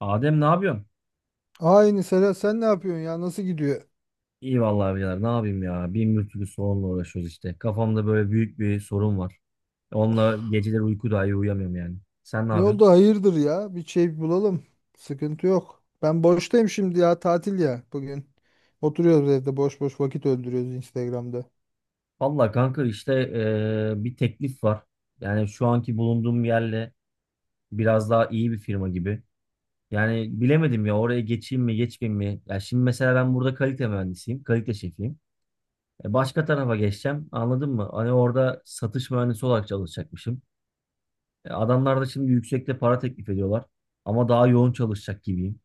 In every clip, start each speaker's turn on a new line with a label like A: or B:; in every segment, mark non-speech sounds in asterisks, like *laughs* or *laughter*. A: Adem ne yapıyorsun?
B: Aynı Serhat sen ne yapıyorsun ya? Nasıl gidiyor?
A: İyi vallahi abiler ne yapayım ya. Bin bir türlü sorunla uğraşıyoruz işte. Kafamda böyle büyük bir sorun var. Onunla geceleri uyku dahi uyuyamıyorum yani. Sen ne
B: Ne
A: yapıyorsun?
B: oldu? Hayırdır ya? Bir şey bulalım. Sıkıntı yok. Ben boştayım şimdi ya. Tatil ya bugün. Oturuyoruz evde boş boş vakit öldürüyoruz Instagram'da.
A: Vallahi kanka işte bir teklif var. Yani şu anki bulunduğum yerle biraz daha iyi bir firma gibi. Yani bilemedim ya oraya geçeyim mi geçmeyeyim mi? Ya şimdi mesela ben burada kalite mühendisiyim. Kalite şefiyim. Başka tarafa geçeceğim anladın mı? Hani orada satış mühendisi olarak çalışacakmışım. Adamlar da şimdi yüksekte para teklif ediyorlar. Ama daha yoğun çalışacak gibiyim.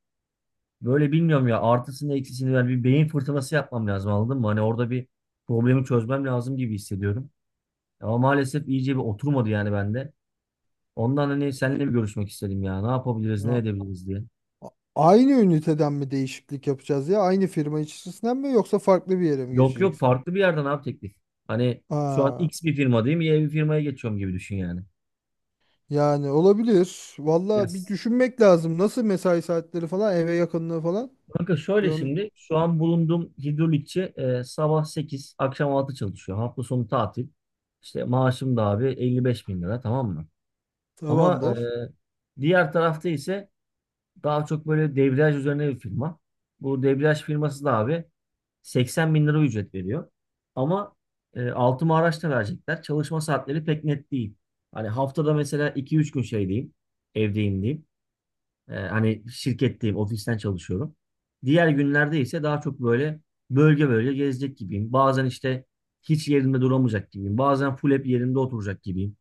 A: Böyle bilmiyorum ya, artısını eksisini ver bir beyin fırtınası yapmam lazım anladın mı? Hani orada bir problemi çözmem lazım gibi hissediyorum. Ama maalesef iyice bir oturmadı yani bende. Ondan hani seninle bir görüşmek istedim ya. Ne yapabiliriz, ne
B: Ya,
A: edebiliriz diye.
B: a- aynı üniteden mi değişiklik yapacağız ya? Aynı firma içerisinden mi yoksa farklı bir yere mi
A: Yok yok
B: geçeceksin?
A: farklı bir yerden abi teklif. Hani şu an
B: Aa,
A: X bir firma değil mi? Y bir firmaya geçiyorum gibi düşün yani.
B: yani olabilir. Valla bir
A: Yes.
B: düşünmek lazım. Nasıl mesai saatleri falan, eve yakınlığı falan.
A: Kanka
B: Bir
A: şöyle,
B: onun-
A: şimdi şu an bulunduğum hidrolikçi sabah 8 akşam 6 çalışıyor. Hafta sonu tatil. İşte maaşım da abi 55 bin lira, tamam mı? Ama
B: Tamamdır.
A: diğer tarafta ise daha çok böyle debriyaj üzerine bir firma. Bu debriyaj firması da abi 80 bin lira ücret veriyor. Ama altıma araç da verecekler. Çalışma saatleri pek net değil. Hani haftada mesela 2-3 gün şeydeyim. Evdeyim diyeyim. Hani şirketteyim, ofisten çalışıyorum. Diğer günlerde ise daha çok böyle bölge bölge gezecek gibiyim. Bazen işte hiç yerimde duramayacak gibiyim. Bazen full hep yerimde oturacak gibiyim.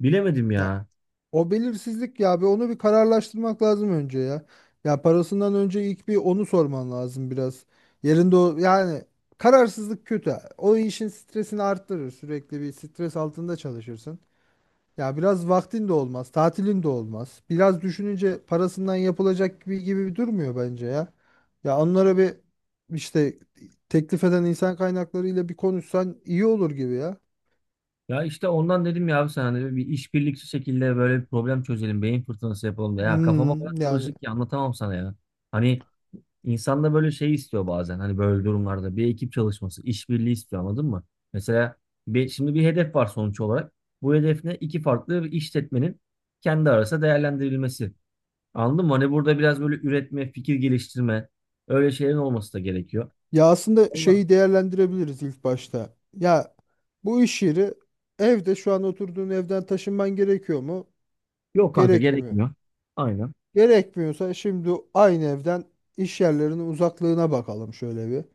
A: Bilemedim
B: Ya,
A: ya.
B: o belirsizlik ya, bir onu bir kararlaştırmak lazım önce ya. Ya parasından önce ilk bir onu sorman lazım biraz. Yerinde o yani, kararsızlık kötü. O işin stresini arttırır. Sürekli bir stres altında çalışırsın. Ya biraz vaktin de olmaz, tatilin de olmaz. Biraz düşününce parasından yapılacak gibi gibi durmuyor bence ya. Ya onlara bir işte teklif eden insan kaynaklarıyla bir konuşsan iyi olur gibi ya.
A: Ya işte ondan dedim ya abi sana, hani bir işbirlikçi şekilde böyle bir problem çözelim, beyin fırtınası yapalım da, ya kafama kadar
B: Hmm, yani.
A: karışık ki anlatamam sana ya. Hani İnsan da böyle şey istiyor bazen, hani böyle durumlarda bir ekip çalışması, işbirliği istiyor anladın mı? Mesela bir, şimdi bir hedef var sonuç olarak. Bu hedef ne? İki farklı bir işletmenin kendi arasında değerlendirilmesi. Anladın mı? Hani burada biraz böyle üretme, fikir geliştirme, öyle şeylerin olması da gerekiyor.
B: Ya aslında
A: Vallahi
B: şeyi değerlendirebiliriz ilk başta. Ya bu iş yeri, evde şu an oturduğun evden taşınman gerekiyor mu?
A: yok kanka,
B: Gerekmiyor.
A: gerekmiyor. Aynen.
B: Gerekmiyorsa şimdi aynı evden iş yerlerinin uzaklığına bakalım şöyle bir.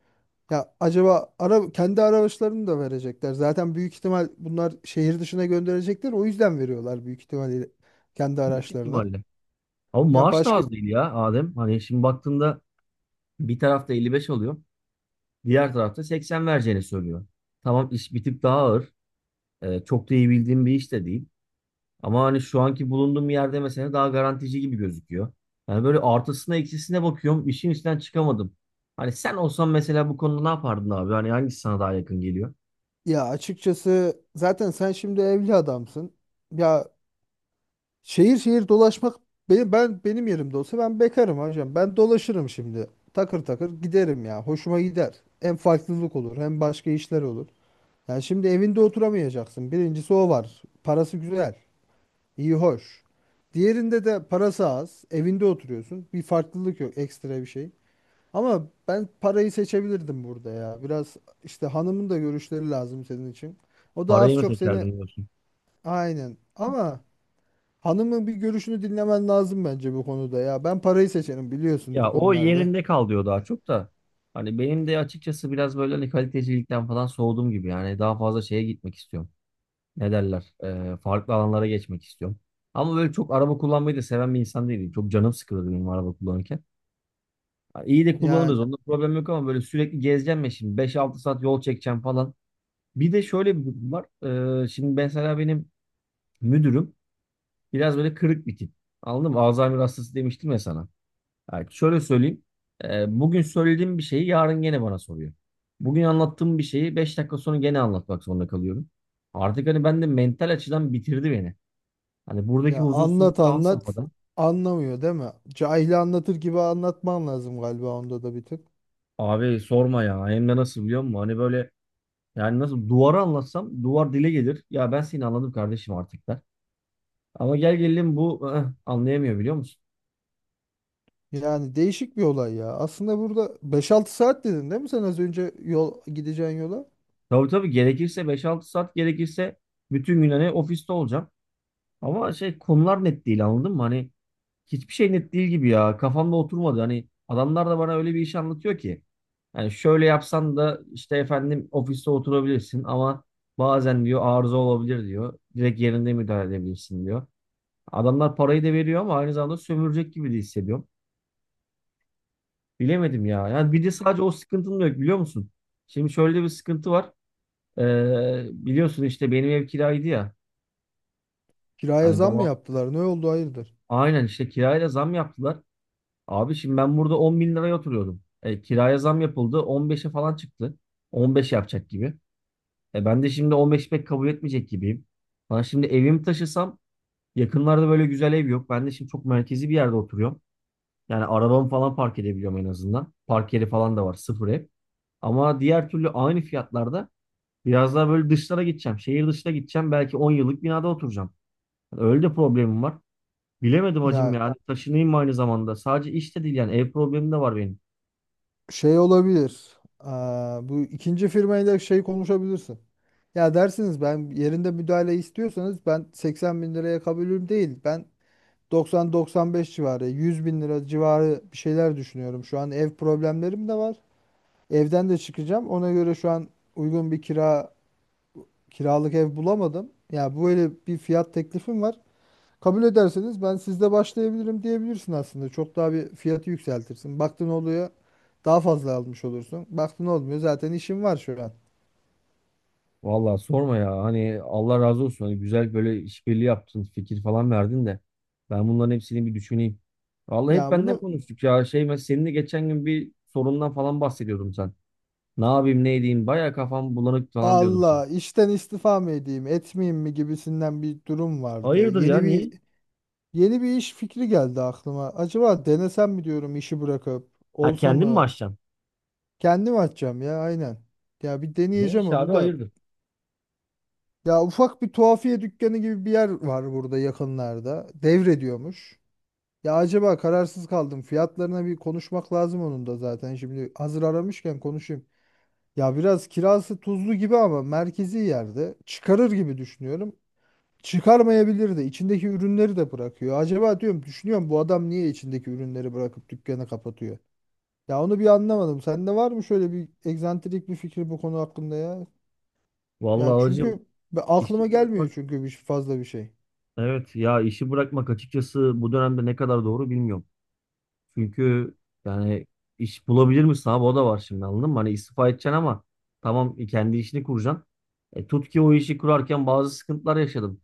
B: Ya acaba ara, kendi araçlarını da verecekler. Zaten büyük ihtimal bunlar şehir dışına gönderecekler. O yüzden veriyorlar büyük ihtimalle, kendi
A: Büyük
B: araçlarına.
A: ihtimalle. Ama
B: Ya
A: maaş da
B: başka
A: az değil ya Adem. Hani şimdi baktığında bir tarafta 55 alıyor, diğer tarafta 80 vereceğini söylüyor. Tamam, iş bir tık daha ağır. Çok da iyi bildiğim bir iş de değil. Ama hani şu anki bulunduğum yerde mesela daha garantici gibi gözüküyor. Yani böyle artısına eksisine bakıyorum. İşin içinden çıkamadım. Hani sen olsan mesela bu konuda ne yapardın abi? Hani hangisi sana daha yakın geliyor?
B: Ya açıkçası zaten sen şimdi evli adamsın. Ya, şehir şehir dolaşmak benim yerimde olsa, ben bekarım hocam. Ben dolaşırım şimdi. Takır takır giderim ya. Hoşuma gider. Hem farklılık olur hem başka işler olur. Yani şimdi evinde oturamayacaksın. Birincisi o var. Parası güzel, iyi hoş. Diğerinde de parası az. Evinde oturuyorsun. Bir farklılık yok, ekstra bir şey. Ama ben parayı seçebilirdim burada ya. Biraz işte, hanımın da görüşleri lazım senin için. O da
A: Parayı
B: az
A: mı
B: çok seni
A: seçerdin diyorsun?
B: aynen. Ama hanımın bir görüşünü dinlemen lazım bence bu konuda ya. Ben parayı seçerim biliyorsun bu
A: Ya o
B: konularda.
A: yerinde kal diyor daha çok da. Hani benim de açıkçası biraz böyle hani kalitecilikten falan soğudum gibi. Yani daha fazla şeye gitmek istiyorum. Ne derler? Farklı alanlara geçmek istiyorum. Ama böyle çok araba kullanmayı da seven bir insan değilim. Çok canım sıkılır benim araba kullanırken. Ha, İyi de
B: Ya,
A: kullanırız. Onda problem yok, ama böyle sürekli gezeceğim ya şimdi. 5-6 saat yol çekeceğim falan. Bir de şöyle bir durum var. Şimdi mesela benim müdürüm biraz böyle kırık bir tip. Anladın mı? Alzheimer hastası demiştim ya sana. Yani şöyle söyleyeyim. Bugün söylediğim bir şeyi yarın gene bana soruyor. Bugün anlattığım bir şeyi 5 dakika sonra gene anlatmak zorunda kalıyorum. Artık hani ben de mental açıdan bitirdi beni. Hani buradaki
B: ya anlat
A: huzursuzluk da had
B: anlat
A: safhada.
B: anlamıyor değil mi? Cahili anlatır gibi anlatman lazım galiba onda da bir tık.
A: Abi sorma ya. Hem de nasıl biliyor musun? Hani böyle, yani nasıl duvara anlatsam duvar dile gelir. Ya ben seni anladım kardeşim artık der. Ama gel gelelim bu anlayamıyor biliyor musun?
B: Yani değişik bir olay ya. Aslında burada 5-6 saat dedin değil mi sen az önce yol gideceğin yola?
A: Tabii tabii, gerekirse 5-6 saat, gerekirse bütün gün hani ofiste olacağım. Ama şey, konular net değil anladın mı? Hani hiçbir şey net değil gibi ya. Kafamda oturmadı. Hani adamlar da bana öyle bir iş anlatıyor ki. Yani şöyle yapsan da işte efendim ofiste oturabilirsin, ama bazen diyor arıza olabilir diyor. Direkt yerinde müdahale edebilirsin diyor. Adamlar parayı da veriyor ama aynı zamanda sömürecek gibi de hissediyorum. Bilemedim ya. Yani bir de sadece o sıkıntım da yok biliyor musun? Şimdi şöyle bir sıkıntı var. Biliyorsun işte benim ev kiraydı ya.
B: Kiraya
A: Hani
B: zam mı
A: baba,
B: yaptılar? Ne oldu hayırdır?
A: aynen işte kiraya da zam yaptılar. Abi şimdi ben burada 10 bin liraya oturuyordum. Kiraya zam yapıldı. 15'e falan çıktı. 15 yapacak gibi. Ben de şimdi 15 pek kabul etmeyecek gibiyim. Ben şimdi evimi taşısam yakınlarda böyle güzel ev yok. Ben de şimdi çok merkezi bir yerde oturuyorum. Yani arabamı falan park edebiliyorum en azından. Park yeri falan da var. Sıfır ev. Ama diğer türlü aynı fiyatlarda biraz daha böyle dışlara gideceğim. Şehir dışına gideceğim. Belki 10 yıllık binada oturacağım. Öyle de problemim var. Bilemedim hacım
B: Ya
A: ya, taşınayım mı aynı zamanda? Sadece işte de değil yani. Ev problemim de var benim.
B: şey olabilir. Aa, bu ikinci firmayla şey konuşabilirsin. Ya dersiniz, ben yerinde müdahale istiyorsanız, ben 80 bin liraya kabulüm değil. Ben 90-95 civarı, 100 bin lira civarı bir şeyler düşünüyorum. Şu an ev problemlerim de var. Evden de çıkacağım. Ona göre şu an uygun bir kiralık ev bulamadım. Ya böyle bir fiyat teklifim var. Kabul ederseniz ben sizde başlayabilirim diyebilirsin aslında. Çok daha bir fiyatı yükseltirsin. Baktın oluyor, daha fazla almış olursun. Baktın olmuyor, zaten işim var şu an.
A: Vallahi sorma ya. Hani Allah razı olsun. Hani güzel böyle işbirliği yaptın. Fikir falan verdin de. Ben bunların hepsini bir düşüneyim. Vallahi hep
B: Yani
A: benden
B: bunu,
A: konuştuk ya. Şey, mesela seninle geçen gün bir sorundan falan bahsediyordum sen. Ne yapayım ne edeyim. Baya kafam bulanık falan diyordun sen.
B: Allah, işten istifa mı edeyim etmeyeyim mi gibisinden bir durum vardı.
A: Hayırdır ya,
B: Yeni
A: niye?
B: bir yeni bir iş fikri geldi aklıma. Acaba denesem mi diyorum işi bırakıp
A: Ha,
B: olsa
A: kendin mi
B: mı?
A: açacaksın?
B: Kendim açacağım ya, aynen. Ya bir
A: Ne
B: deneyeceğim
A: iş abi,
B: onu da.
A: hayırdır?
B: Ya ufak bir tuhafiye dükkanı gibi bir yer var burada yakınlarda. Devrediyormuş. Ya acaba, kararsız kaldım. Fiyatlarına bir konuşmak lazım onun da zaten. Şimdi hazır aramışken konuşayım. Ya biraz kirası tuzlu gibi ama merkezi yerde çıkarır gibi düşünüyorum. Çıkarmayabilir de, içindeki ürünleri de bırakıyor. Acaba diyorum, düşünüyorum, bu adam niye içindeki ürünleri bırakıp dükkanı kapatıyor? Ya onu bir anlamadım. Sende var mı şöyle bir egzantrik bir fikir bu konu hakkında ya? Ya
A: Vallahi hocam,
B: çünkü aklıma
A: İşi
B: gelmiyor
A: bırakmak,
B: çünkü bir fazla bir şey.
A: evet ya işi bırakmak açıkçası bu dönemde ne kadar doğru bilmiyorum. Çünkü yani iş bulabilir misin abi, o da var şimdi anladın mı? Hani istifa edeceksin ama tamam, kendi işini kuracaksın. Tut ki o işi kurarken bazı sıkıntılar yaşadım.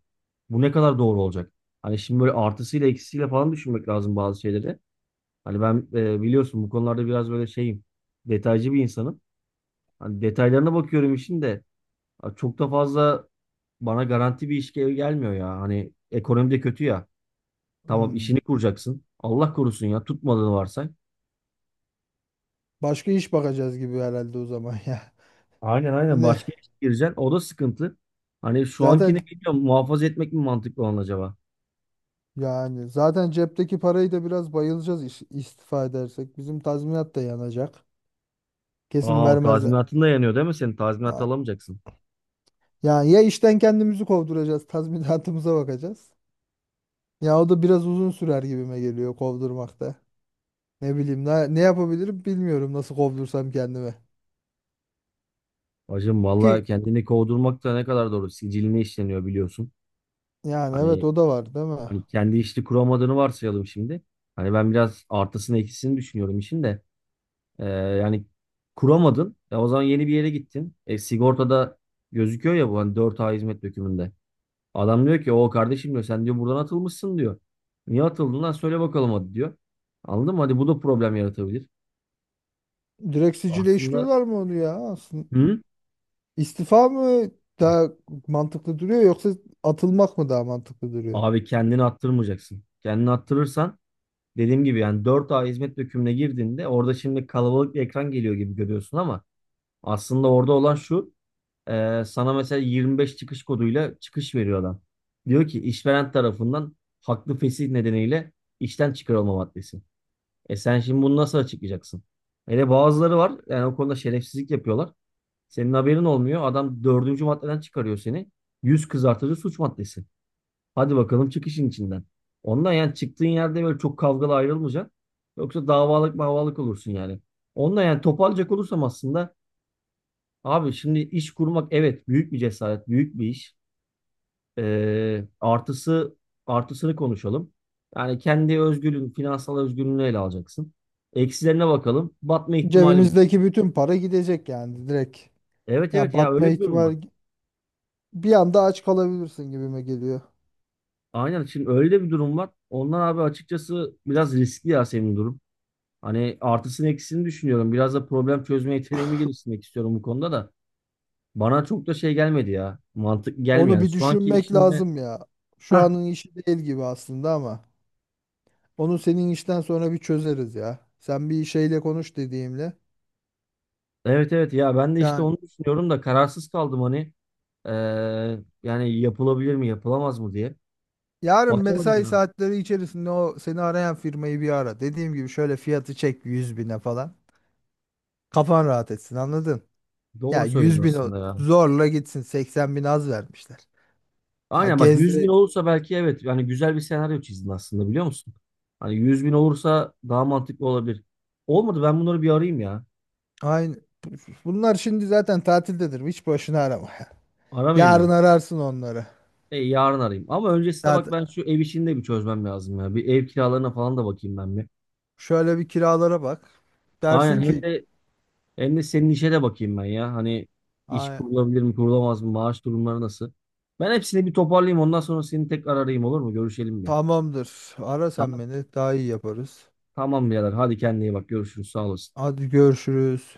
A: Bu ne kadar doğru olacak? Hani şimdi böyle artısıyla eksisiyle falan düşünmek lazım bazı şeyleri. Hani ben biliyorsun bu konularda biraz böyle şeyim, detaycı bir insanım. Hani detaylarına bakıyorum işin de. Abi çok da fazla bana garanti bir iş gelmiyor ya. Hani ekonomi de kötü ya. Tamam, işini
B: Hmm.
A: kuracaksın. Allah korusun ya, tutmadığını varsay.
B: Başka iş bakacağız gibi herhalde o zaman ya.
A: Aynen
B: *laughs*
A: aynen,
B: Yine
A: başka işe gireceksin. O da sıkıntı. Hani şu
B: zaten
A: ankini bilmiyorum, muhafaza etmek mi mantıklı olan acaba?
B: Yani zaten cepteki parayı da biraz bayılacağız, istifa edersek. Bizim tazminat da yanacak. Kesin
A: Aa,
B: vermezler.
A: tazminatın da yanıyor değil mi senin? Tazminat
B: Aa,
A: alamayacaksın.
B: yani ya, işten kendimizi kovduracağız, tazminatımıza bakacağız. Ya o da biraz uzun sürer gibime geliyor kovdurmakta. Ne bileyim, ne yapabilirim bilmiyorum, nasıl kovdursam kendimi.
A: Hacım valla
B: Ki
A: kendini kovdurmak da ne kadar doğru. Siciline işleniyor biliyorsun.
B: yani evet,
A: Hani,
B: o da var değil mi?
A: hani kendi işini kuramadığını varsayalım şimdi. Hani ben biraz artısını eksisini düşünüyorum işin de. Yani kuramadın. Ya o zaman yeni bir yere gittin. Sigortada gözüküyor ya bu, hani dört a hizmet dökümünde. Adam diyor ki o kardeşim diyor, sen diyor buradan atılmışsın diyor. Niye atıldın lan, söyle bakalım hadi diyor. Anladın mı? Hadi, bu da problem yaratabilir.
B: Direkt sicile
A: Aslında,
B: işliyorlar mı onu ya? Aslında
A: hı?
B: istifa mı daha mantıklı duruyor yoksa atılmak mı daha mantıklı duruyor?
A: Abi kendini attırmayacaksın. Kendini attırırsan dediğim gibi yani dört a hizmet dökümüne girdiğinde orada şimdi kalabalık bir ekran geliyor gibi görüyorsun ama aslında orada olan şu: sana mesela 25 çıkış koduyla çıkış veriyor adam. Diyor ki işveren tarafından haklı fesih nedeniyle işten çıkarılma maddesi. E sen şimdi bunu nasıl açıklayacaksın? Hele bazıları var yani, o konuda şerefsizlik yapıyorlar. Senin haberin olmuyor. Adam dördüncü maddeden çıkarıyor seni. Yüz kızartıcı suç maddesi. Hadi bakalım çıkışın içinden. Ondan yani çıktığın yerde böyle çok kavgalı ayrılmayacaksın. Yoksa davalık mavalık olursun yani. Ondan yani toparlayacak olursam aslında, abi şimdi iş kurmak evet, büyük bir cesaret, büyük bir iş. Ee, artısı Artısını konuşalım. Yani kendi özgürlüğün, finansal özgürlüğünü ele alacaksın. Eksilerine bakalım. Batma ihtimali mi?
B: Cebimizdeki bütün para gidecek yani direkt.
A: Evet evet
B: Ya
A: ya,
B: batma
A: öyle bir durum var.
B: ihtimali, bir anda aç kalabilirsin gibime geliyor.
A: Aynen, şimdi öyle bir durum var. Ondan abi açıkçası biraz riskli ya senin durum. Hani artısını eksisini düşünüyorum. Biraz da problem çözme yeteneğimi geliştirmek istiyorum bu konuda da. Bana çok da şey gelmedi ya. Mantık gelmiyor.
B: Onu
A: Yani
B: bir
A: şu anki
B: düşünmek
A: işinde.
B: lazım ya.
A: *laughs*
B: Şu anın işi değil gibi aslında ama onu senin işten sonra bir çözeriz ya. Sen bir şeyle konuş dediğimle.
A: Evet evet ya, ben de işte
B: Yani
A: onu düşünüyorum da kararsız kaldım hani. Ee, Yani yapılabilir mi yapılamaz mı diye.
B: yarın
A: Bakalım
B: mesai
A: ya.
B: saatleri içerisinde o seni arayan firmayı bir ara. Dediğim gibi şöyle fiyatı çek, 100 bine falan. Kafan rahat etsin, anladın? Ya
A: Doğru
B: 100 bin,
A: söylüyorsun aslında ya.
B: zorla gitsin, 80 bin az vermişler. Ha
A: Aynen bak, 100 bin
B: gezdire,
A: olursa belki evet, yani güzel bir senaryo çizdin aslında biliyor musun? Hani 100 bin olursa daha mantıklı olabilir. Olmadı, ben bunları bir arayayım ya.
B: aynı. Bunlar şimdi zaten tatildedir. Hiç boşuna arama. *laughs*
A: Aramayayım
B: Yarın
A: mı?
B: ararsın onları.
A: Yarın arayayım. Ama öncesinde bak
B: Zaten
A: ben şu ev işini de bir çözmem lazım ya. Bir ev kiralarına falan da bakayım ben bir.
B: şöyle bir kiralara bak.
A: Aynen,
B: Dersin
A: hem
B: ki
A: de hem de senin işe de bakayım ben ya. Hani iş
B: "Ay,
A: kurulabilir mi, kurulamaz mı, maaş durumları nasıl? Ben hepsini bir toparlayayım ondan sonra seni tekrar arayayım, olur mu? Görüşelim bir.
B: tamamdır. Ara sen
A: Tamam.
B: beni. Daha iyi yaparız.
A: Tamam birader. Hadi kendine iyi bak. Görüşürüz. Sağ olasın.
B: Hadi görüşürüz."